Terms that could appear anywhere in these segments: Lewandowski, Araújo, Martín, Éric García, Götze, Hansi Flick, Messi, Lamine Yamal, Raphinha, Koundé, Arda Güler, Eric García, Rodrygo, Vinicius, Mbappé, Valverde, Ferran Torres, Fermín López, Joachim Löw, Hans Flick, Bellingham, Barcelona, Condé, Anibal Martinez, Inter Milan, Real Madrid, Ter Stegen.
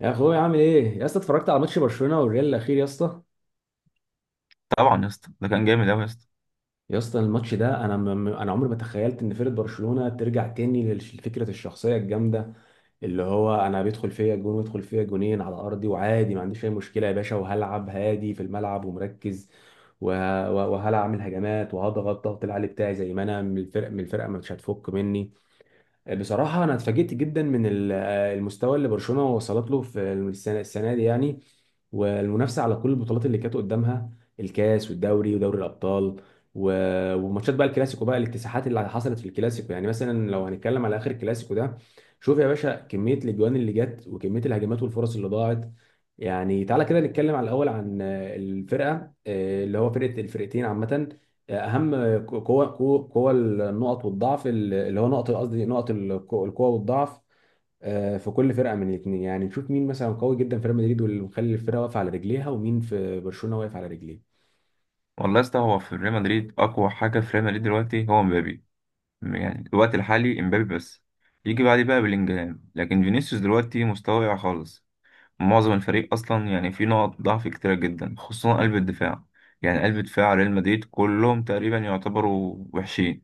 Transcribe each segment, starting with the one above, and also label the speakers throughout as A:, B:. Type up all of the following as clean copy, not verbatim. A: يا اخويا، عامل ايه يا اسطى؟ اتفرجت على ماتش برشلونه والريال الاخير يا اسطى؟
B: طبعا يا اسطى، ده كان جامد قوي يا اسطى.
A: يا اسطى الماتش ده انا انا عمري ما تخيلت ان فرقه برشلونه ترجع تاني لفكره الشخصيه الجامده، اللي هو انا بيدخل فيا جون ويدخل فيا جونين على ارضي، وعادي ما عنديش اي مشكله يا باشا، وهلعب هادي في الملعب ومركز، وهلعب اعمل هجمات وهضغط ضغط العالي بتاعي زي ما انا، من الفرقه مش هتفك مني. بصراحة أنا اتفاجئت جدا من المستوى اللي برشلونة وصلت له في السنة دي يعني، والمنافسة على كل البطولات اللي كانت قدامها، الكاس والدوري ودوري الأبطال. وماتشات بقى الكلاسيكو، بقى الاكتساحات اللي حصلت في الكلاسيكو. يعني مثلا لو هنتكلم على آخر الكلاسيكو ده، شوف يا باشا كمية الأجوان اللي جت وكمية الهجمات والفرص اللي ضاعت. يعني تعالى كده نتكلم على الأول عن الفرقة، آه، اللي هو فرقة الفرقتين عامة، اهم قوه قوه قوة النقط والضعف، اللي هو نقط، قصدي نقط القوه والضعف، آه، في كل فرقه من الاثنين. يعني نشوف مين مثلا قوي جدا في ريال مدريد، واللي مخلي الفرقه واقفه على رجليها، ومين في برشلونه واقف على رجليه.
B: والله يا اسطى، هو في ريال مدريد اقوى حاجه في ريال مدريد دلوقتي هو مبابي. يعني الوقت الحالي مبابي بس. يجي بعديه بقى بلينجهام، لكن فينيسيوس دلوقتي مستواه واقع خالص. معظم الفريق اصلا يعني فيه نقط ضعف كتيره جدا، خصوصا قلب الدفاع. يعني قلب دفاع ريال مدريد كلهم تقريبا يعتبروا وحشين.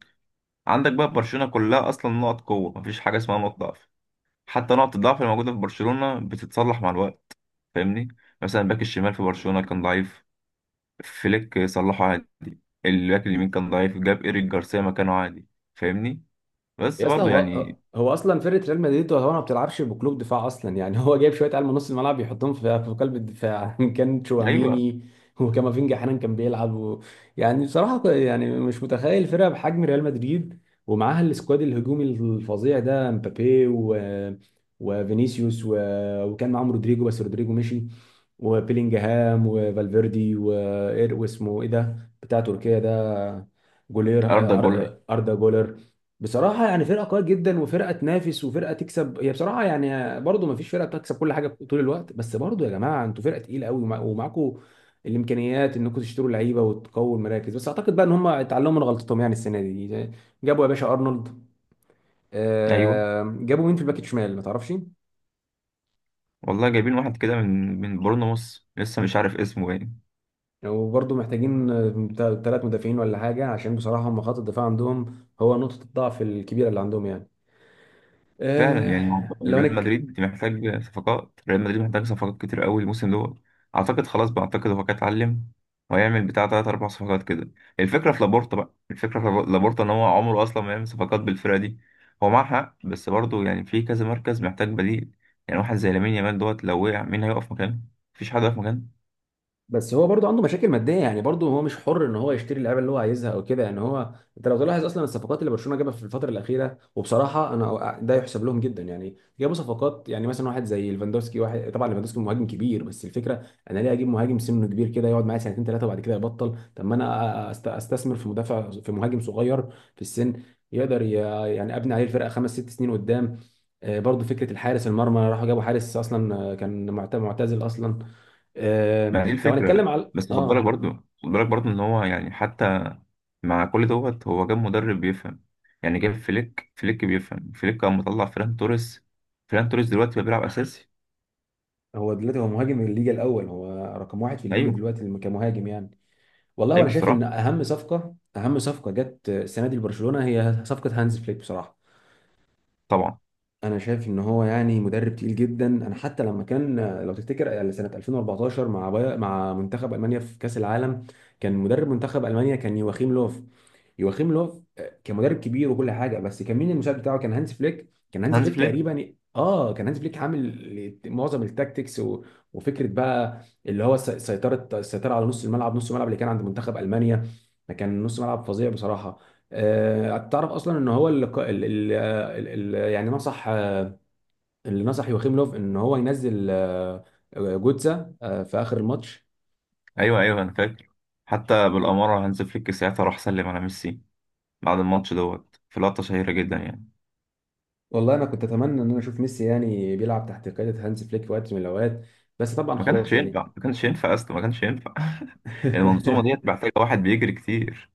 B: عندك بقى برشلونه كلها اصلا نقط قوه، مفيش حاجه اسمها نقط ضعف. حتى نقط الضعف الموجوده في برشلونه بتتصلح مع الوقت. فاهمني؟ مثلا باك الشمال في برشلونه كان ضعيف، فليك صلحه عادي. الباك اليمين كان ضعيف، جاب إيريك جارسيا مكانه عادي. فاهمني؟ بس
A: يا اسطى
B: برضو
A: هو
B: يعني.
A: هو اصلا فرقه ريال مدريد هو ما بتلعبش بقلوب دفاع اصلا، يعني هو جايب شويه عيال من نص الملعب يحطهم في قلب الدفاع كان
B: أيوه.
A: تشواميني وكامافينجا احيانا كان بيلعب و... يعني بصراحه يعني مش متخيل فرقه بحجم ريال مدريد، ومعاها السكواد الهجومي الفظيع ده، مبابي و... وفينيسيوس و... وكان معاهم رودريجو، بس رودريجو مشي، وبيلينجهام وفالفيردي و... إيه، واسمه ايه ده بتاع تركيا ده؟ جولير،
B: أردا جولر.
A: اردا جولر. بصراحة يعني فرقة قوية جدا، وفرقة تنافس، وفرقة تكسب، هي بصراحة يعني برضو ما فيش فرقة بتكسب كل حاجة طول الوقت، بس برضو يا جماعة انتوا فرقة تقيلة قوي، ومعاكوا الإمكانيات انكم تشتروا لعيبة وتقووا المراكز. بس أعتقد بقى ان هم اتعلموا من غلطتهم يعني السنة دي، جابوا يا باشا أرنولد،
B: أيوه.
A: آه، جابوا مين في الباك الشمال ما تعرفش.
B: والله جايبين واحد كده من بورنموث لسه مش عارف اسمه باين.
A: وبرضو محتاجين ثلاث مدافعين ولا حاجة، عشان بصراحة هم خط الدفاع عندهم هو نقطة الضعف الكبيرة اللي عندهم يعني.
B: فعلا يعني
A: آه، لو
B: ريال
A: هنك
B: مدريد محتاج صفقات، ريال مدريد محتاج صفقات كتير قوي الموسم ده. اعتقد خلاص بقى، اعتقد هو كان اتعلم. وهيعمل بتاع تلات اربع صفقات كده. الفكره في لابورتا، بقى الفكره في لابورتا ان هو عمره اصلا ما يعمل صفقات بالفرقه دي. هو معاه حق، بس برضه يعني في كذا مركز محتاج بديل. يعني واحد زي لامين يامال دوت لو وقع مين هيقف مكانه؟ مفيش حد هيقف مكانه.
A: بس هو برضه عنده مشاكل ماديه يعني، برضه هو مش حر ان هو يشتري اللعيبه اللي هو عايزها او كده يعني. هو انت لو تلاحظ اصلا الصفقات اللي برشلونه جابها في الفتره الاخيره، وبصراحه انا ده يحسب لهم جدا. يعني جابوا صفقات يعني، مثلا واحد زي ليفاندوسكي، واحد طبعا ليفاندوسكي مهاجم كبير، بس الفكره انا ليه اجيب مهاجم سنه كبير كده يقعد معايا سنتين ثلاثه وبعد كده يبطل؟ طب ما انا استثمر في مدافع، في مهاجم صغير في السن، يقدر ي- يعني ابني عليه الفرقه خمس ست سنين قدام. آه، برضه فكره الحارس المرمى، راحوا جابوا حارس اصلا آه، كان معتزل اصلا. آه
B: ما دي
A: لو هنتكلم
B: الفكره،
A: على
B: بس خد بالك
A: اه
B: برضه، خد بالك برضه، ان هو يعني حتى مع كل دوت هو جاب مدرب بيفهم. يعني جاب فليك، فليك بيفهم، فليك كان مطلع فيران توريس. فيران توريس دلوقتي بقى بيلعب اساسي.
A: هو دلوقتي هو مهاجم الليجا الاول، هو رقم واحد في الليجا
B: ايوه.
A: دلوقتي كمهاجم يعني. والله وانا
B: ايوه
A: شايف ان
B: صراحه.
A: اهم صفقه جت السنه دي لبرشلونه هي صفقه هانز فليك بصراحه.
B: طبعا.
A: انا شايف ان هو يعني مدرب تقيل جدا. انا حتى لما كان، لو تفتكر يعني سنه 2014 مع منتخب المانيا في كاس العالم، كان مدرب منتخب المانيا كان يواخيم لوف. يواخيم لوف آه، كان مدرب كبير وكل حاجه، بس كان مين المساعد بتاعه؟ كان هانز فليك. كان هانز
B: هانز
A: فليك
B: فليك.
A: تقريبا، اه كان هانز فليك عامل معظم التاكتكس و... وفكره بقى اللي هو السيطره على نص الملعب اللي كان عند منتخب المانيا. كان نص ملعب فظيع بصراحه. آه، تعرف اصلا ان هو يعني نصح، اللي نصح يوخيم لوف ان هو ينزل آه، آه، جوتزا آه، في اخر الماتش.
B: ايوه، ايوه، انا فاكر. حتى بالاماره، هانز فليك ساعتها راح سلم على ميسي بعد الماتش دوت، في لقطه شهيره جدا يعني.
A: والله انا كنت اتمنى ان انا اشوف ميسي يعني بيلعب تحت قياده هانز فليك في وقت من الاوقات، بس طبعا
B: ما كانش
A: خلاص يعني.
B: ينفع، ما كانش ينفع اصلا، ما كانش ينفع. المنظومه ديت محتاجه واحد بيجري كتير.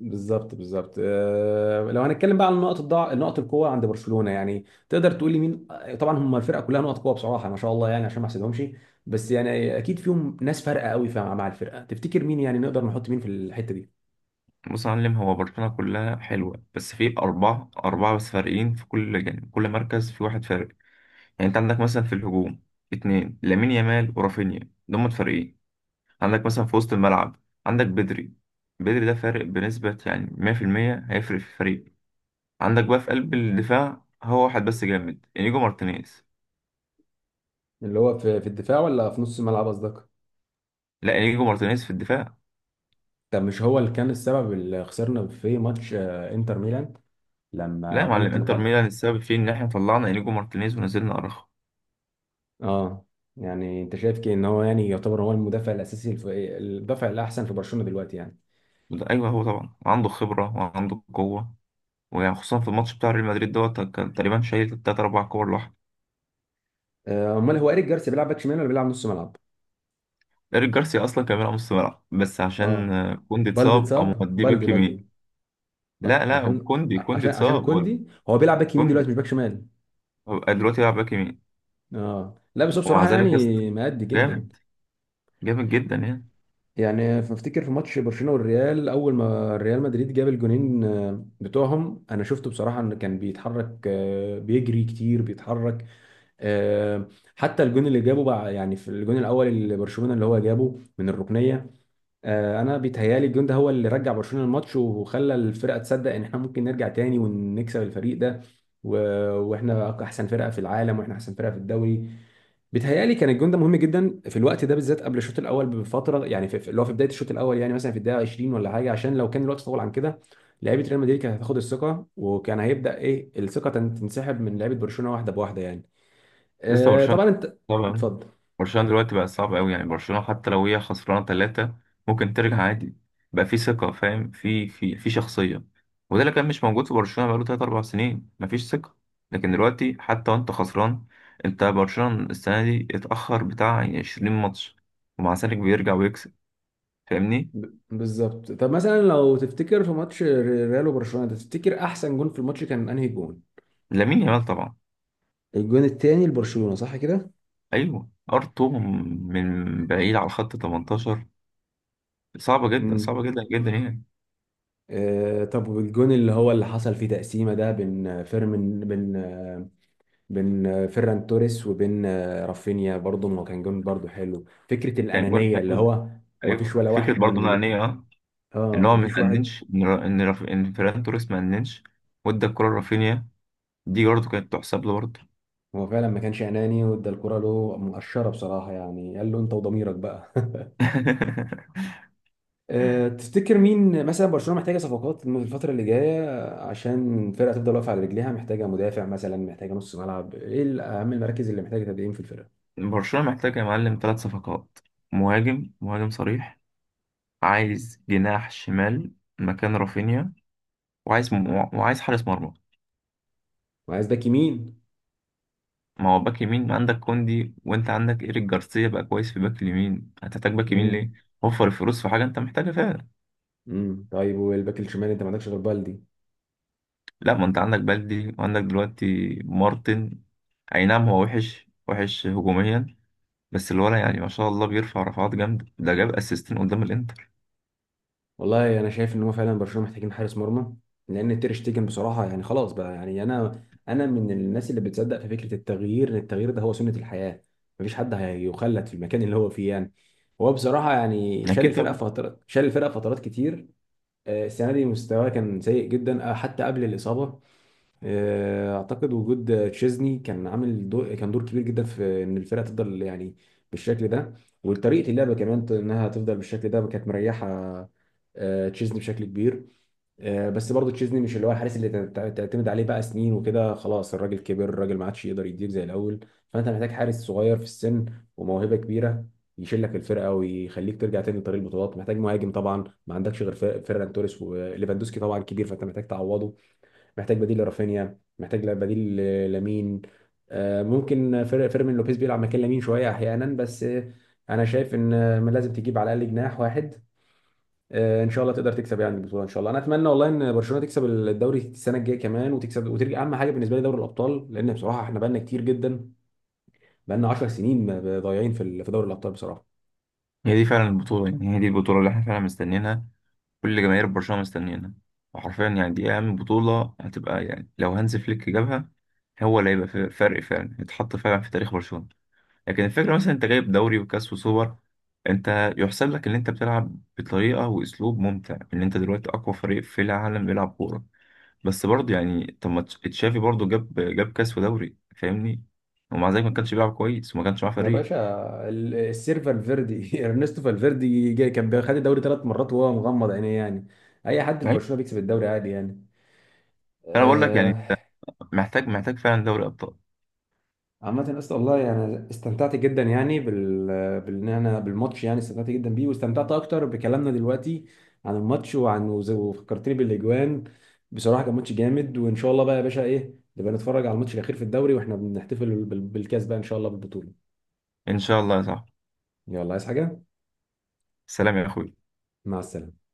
A: بالظبط آه، لو هنتكلم بقى عن نقط الضعف نقط القوه عند برشلونه، يعني تقدر تقول لي مين، آه، طبعا هم الفرقه كلها نقط قوه بصراحه، ما شاء الله يعني عشان ما احسدهمش. بس يعني اكيد فيهم ناس فارقه قوي مع الفرقه، تفتكر مين؟ يعني نقدر نحط مين في الحته دي؟
B: بص يا معلم، هو برشلونه كلها حلوه، بس في اربعه، اربعه بس فارقين في كل جانب. كل مركز في واحد فارق. يعني انت عندك مثلا في الهجوم اتنين، لامين يامال ورافينيا، دول فريقين. عندك مثلا في وسط الملعب عندك بدري. بدري ده فارق بنسبة يعني 100%، هيفرق في الفريق. عندك بقى في قلب الدفاع هو واحد بس جامد، انيجو مارتينيز.
A: اللي هو في الدفاع ولا في نص الملعب قصدك؟
B: لا، انيجو مارتينيز في الدفاع.
A: طب مش هو اللي كان السبب اللي خسرنا في ماتش آه، انتر ميلان؟
B: لا
A: لما
B: يا معلم،
A: غلط
B: انتر
A: الغلط،
B: ميلان السبب فيه ان احنا طلعنا انيجو مارتينيز ونزلنا اراخو.
A: اه. يعني انت شايف كده ان هو يعني يعتبر هو المدافع الاساسي المدافع الاحسن في برشلونه دلوقتي يعني؟
B: وده، ايوه، هو طبعا عنده خبرة وعنده قوة، وخصوصا في الماتش بتاع ريال مدريد دوت كان تقريبا شايل تلات أربع كور.
A: آه، امال هو ايريك جارسيا بيلعب باك شمال ولا بيلعب نص ملعب؟
B: إيريك جارسيا أصلا كان بيلعب نص ملعب، بس عشان
A: اه،
B: كوندي
A: بالدي
B: اتصاب أو
A: اتصاب،
B: مودي
A: بالدي
B: باك
A: بالدي
B: يمين. لا لا،
A: عشان
B: كوندي
A: عشان عشان
B: اتصاب ولا،
A: كوندي هو بيلعب باك يمين دلوقتي
B: كوندي
A: مش باك شمال.
B: هو دلوقتي بيلعب باك يمين.
A: اه لا، بس هو
B: ومع
A: بصراحه
B: ذلك يا اسطى،
A: يعني مأدي جدا.
B: جامد. جامد جدا يعني.
A: يعني بفتكر في ماتش برشلونه والريال، اول ما ريال مدريد جاب الجونين آه، بتوعهم، انا شفته بصراحه انه كان بيتحرك آه، بيجري كتير بيتحرك آه، حتى الجون اللي جابه بقى. يعني في الجون الاول اللي برشلونه اللي هو جابه من الركنيه، آه، انا بيتهيالي الجون ده هو اللي رجع برشلونه الماتش، وخلى الفرقه تصدق ان احنا ممكن نرجع تاني ونكسب الفريق ده. و- واحنا احسن فرقه في العالم، واحنا احسن فرقه في الدوري. بيتهيألي كان الجون ده مهم جدا في الوقت ده بالذات، قبل الشوط الاول بفتره يعني، اللي هو في بدايه الشوط الاول يعني، مثلا في الدقيقه 20 ولا حاجه، عشان لو كان الوقت طول عن كده لعيبه ريال مدريد كانت هتاخد الثقه، وكان هيبدا ايه الثقه تنسحب من لعيبه برشلونه واحده بواحده يعني.
B: لسه
A: آه
B: برشلونة.
A: طبعا انت،
B: طبعا.
A: اتفضل.
B: برشلونة دلوقتي بقى صعب قوي، يعني برشلونة حتى لو هي خسرانة ثلاثة ممكن ترجع عادي. بقى في ثقة، فاهم؟ في شخصية. وده اللي كان مش موجود في برشلونة بقاله تلات أربع سنين، مفيش ثقة. لكن دلوقتي حتى وأنت خسران، أنت برشلونة السنة دي اتأخر بتاع يعني 20 ماتش، ومع ذلك بيرجع ويكسب. فاهمني؟
A: بالظبط طب مثلا لو تفتكر في ماتش ريال وبرشلونه ده، تفتكر احسن جون في الماتش كان انهي جون؟
B: لامين يامال طبعا.
A: الجون التاني لبرشلونه صح كده؟
B: أيوه، أرطو من بعيد على خط 18. صعبة جدا، صعبة
A: امم.
B: جدا جدا يعني.
A: آه طب والجون اللي هو اللي حصل فيه تقسيمه ده بين فيرمين بين آه، فيران توريس وبين آه، رافينيا، برضه ما كان جون؟ برضه حلو فكره
B: يعني
A: الانانيه اللي
B: جون.
A: هو، وما
B: ايوه،
A: فيش ولا
B: فكره
A: واحد
B: برضه
A: من اللي،
B: انانيه، اه. ان
A: اه
B: هو
A: ما
B: ما
A: فيش واحد.
B: اننش، ان را- ان راف- ان فيران توريس ما اننش وادى الكره لرافينيا. دي برضه كانت تحسب له برضه.
A: هو فعلا ما كانش اناني، وادى الكره له مقشره بصراحه، يعني قال له انت وضميرك بقى. آه، تفتكر مين مثلا برشلونه محتاجه صفقات الفتره اللي جايه، عشان الفرقه تفضل واقفه على رجليها؟ محتاجه مدافع مثلا، محتاجه نص ملعب، ايه اهم المراكز اللي محتاجه تدعيم في الفرقه؟
B: برشلونه محتاج يا معلم ثلاث صفقات. مهاجم، مهاجم صريح. عايز جناح شمال مكان رافينيا. وعايز م... وعايز حارس مرمى.
A: وعايز باك يمين.
B: ما هو باك يمين عندك كوندي، وانت عندك ايريك جارسيا بقى كويس في باك اليمين، هتحتاج باك يمين ليه؟
A: امم.
B: وفر الفلوس في حاجه انت محتاجها فعلا.
A: امم. طيب والباك الشمال انت ما عندكش غير بالدي؟
B: لا، ما انت عندك بلدي وعندك دلوقتي مارتن. اي نعم، هو وحش، وحش هجوميا، بس الولد يعني ما شاء الله بيرفع رفعات جامدة، ده جاب اسيستين قدام الانتر.
A: والله انا شايف ان هو فعلا برشلونه محتاجين حارس مرمى، لان تير شتيجن بصراحه يعني خلاص بقى يعني. انا انا من الناس اللي بتصدق في فكره التغيير، ان التغيير ده هو سنه الحياه، مفيش حد هيخلد في المكان اللي هو فيه يعني. هو بصراحه يعني
B: يعني اكيد طبعا.
A: شال الفرقه فترات كتير. آه، السنه دي مستواه كان سيء جدا آه، حتى قبل الاصابه. آه، اعتقد وجود تشيزني كان عامل دور، كان دور كبير جدا في ان الفرقه تفضل يعني بالشكل ده، وطريقه اللعبه كمان انها تفضل بالشكل ده، كانت مريحه آه، تشيزني بشكل كبير. آه، بس برضه تشيزني مش اللي هو الحارس اللي تعتمد عليه بقى سنين وكده، خلاص الراجل كبر، الراجل ما عادش يقدر يديك زي الاول. فانت محتاج حارس صغير في السن، وموهبه كبيره يشيل لك الفرقه ويخليك ترجع تاني لطريق البطولات. محتاج مهاجم طبعا، ما عندكش غير فيران توريس، وليفاندوسكي طبعا كبير، فانت محتاج تعوضه. محتاج بديل لرافينيا، محتاج بديل لمين، آه، ممكن فيرمين لوبيز بيلعب مكان لمين شويه احيانا، بس آه، انا شايف ان آه، لازم تجيب على الاقل جناح واحد. آه، ان شاء الله تقدر تكسب يعني البطوله، ان شاء الله. انا اتمنى والله ان برشلونه تكسب الدوري السنه الجايه كمان، وتكسب وترجع اهم حاجه بالنسبه لي دوري الابطال، لان بصراحه احنا بقالنا كتير جدا، بقالنا 10 سنين ضايعين في في دوري الابطال بصراحه.
B: هي دي فعلا البطولة، يعني هي دي البطولة اللي احنا فعلا مستنيينها. كل جماهير برشلونة مستنيينها. وحرفيا يعني دي اهم بطولة هتبقى، يعني لو هانز فليك جابها، هو اللي هيبقى فارق فعلا، يتحط فعلا في تاريخ برشلونة. لكن الفكرة مثلا انت جايب دوري وكاس وسوبر، انت يحسب لك ان انت بتلعب بطريقة واسلوب ممتع، ان انت دلوقتي اقوى فريق في العالم بيلعب كورة. بس برضه يعني، طب ما تشافي برضه جاب كاس ودوري، فاهمني؟ ومع ذلك ما كانش بيلعب كويس وما كانش معاه
A: يا
B: فريق.
A: باشا السير فالفيردي ارنستو فالفيردي جاي، كان خد الدوري ثلاث مرات وهو مغمض عينيه يعني. اي حد في
B: ايوه.
A: برشلونه بيكسب الدوري عادي يعني،
B: فانا بقول لك يعني
A: آه.
B: انت محتاج فعلا دوري ابطال.
A: عامة اسطى، والله يعني استمتعت جدا يعني بان انا بالماتش يعني، استمتعت جدا بيه، واستمتعت اكتر بكلامنا دلوقتي عن الماتش، وعن وفكرتني بالاجوان. بصراحة كان ماتش جامد، وان شاء الله بقى يا باشا ايه، نبقى نتفرج على الماتش الاخير في الدوري واحنا بنحتفل بالكاس بقى، ان شاء الله بالبطولة.
B: ان شاء الله يا صاحبي.
A: يلا، عايز حاجة؟
B: سلام يا اخوي.
A: مع السلامة.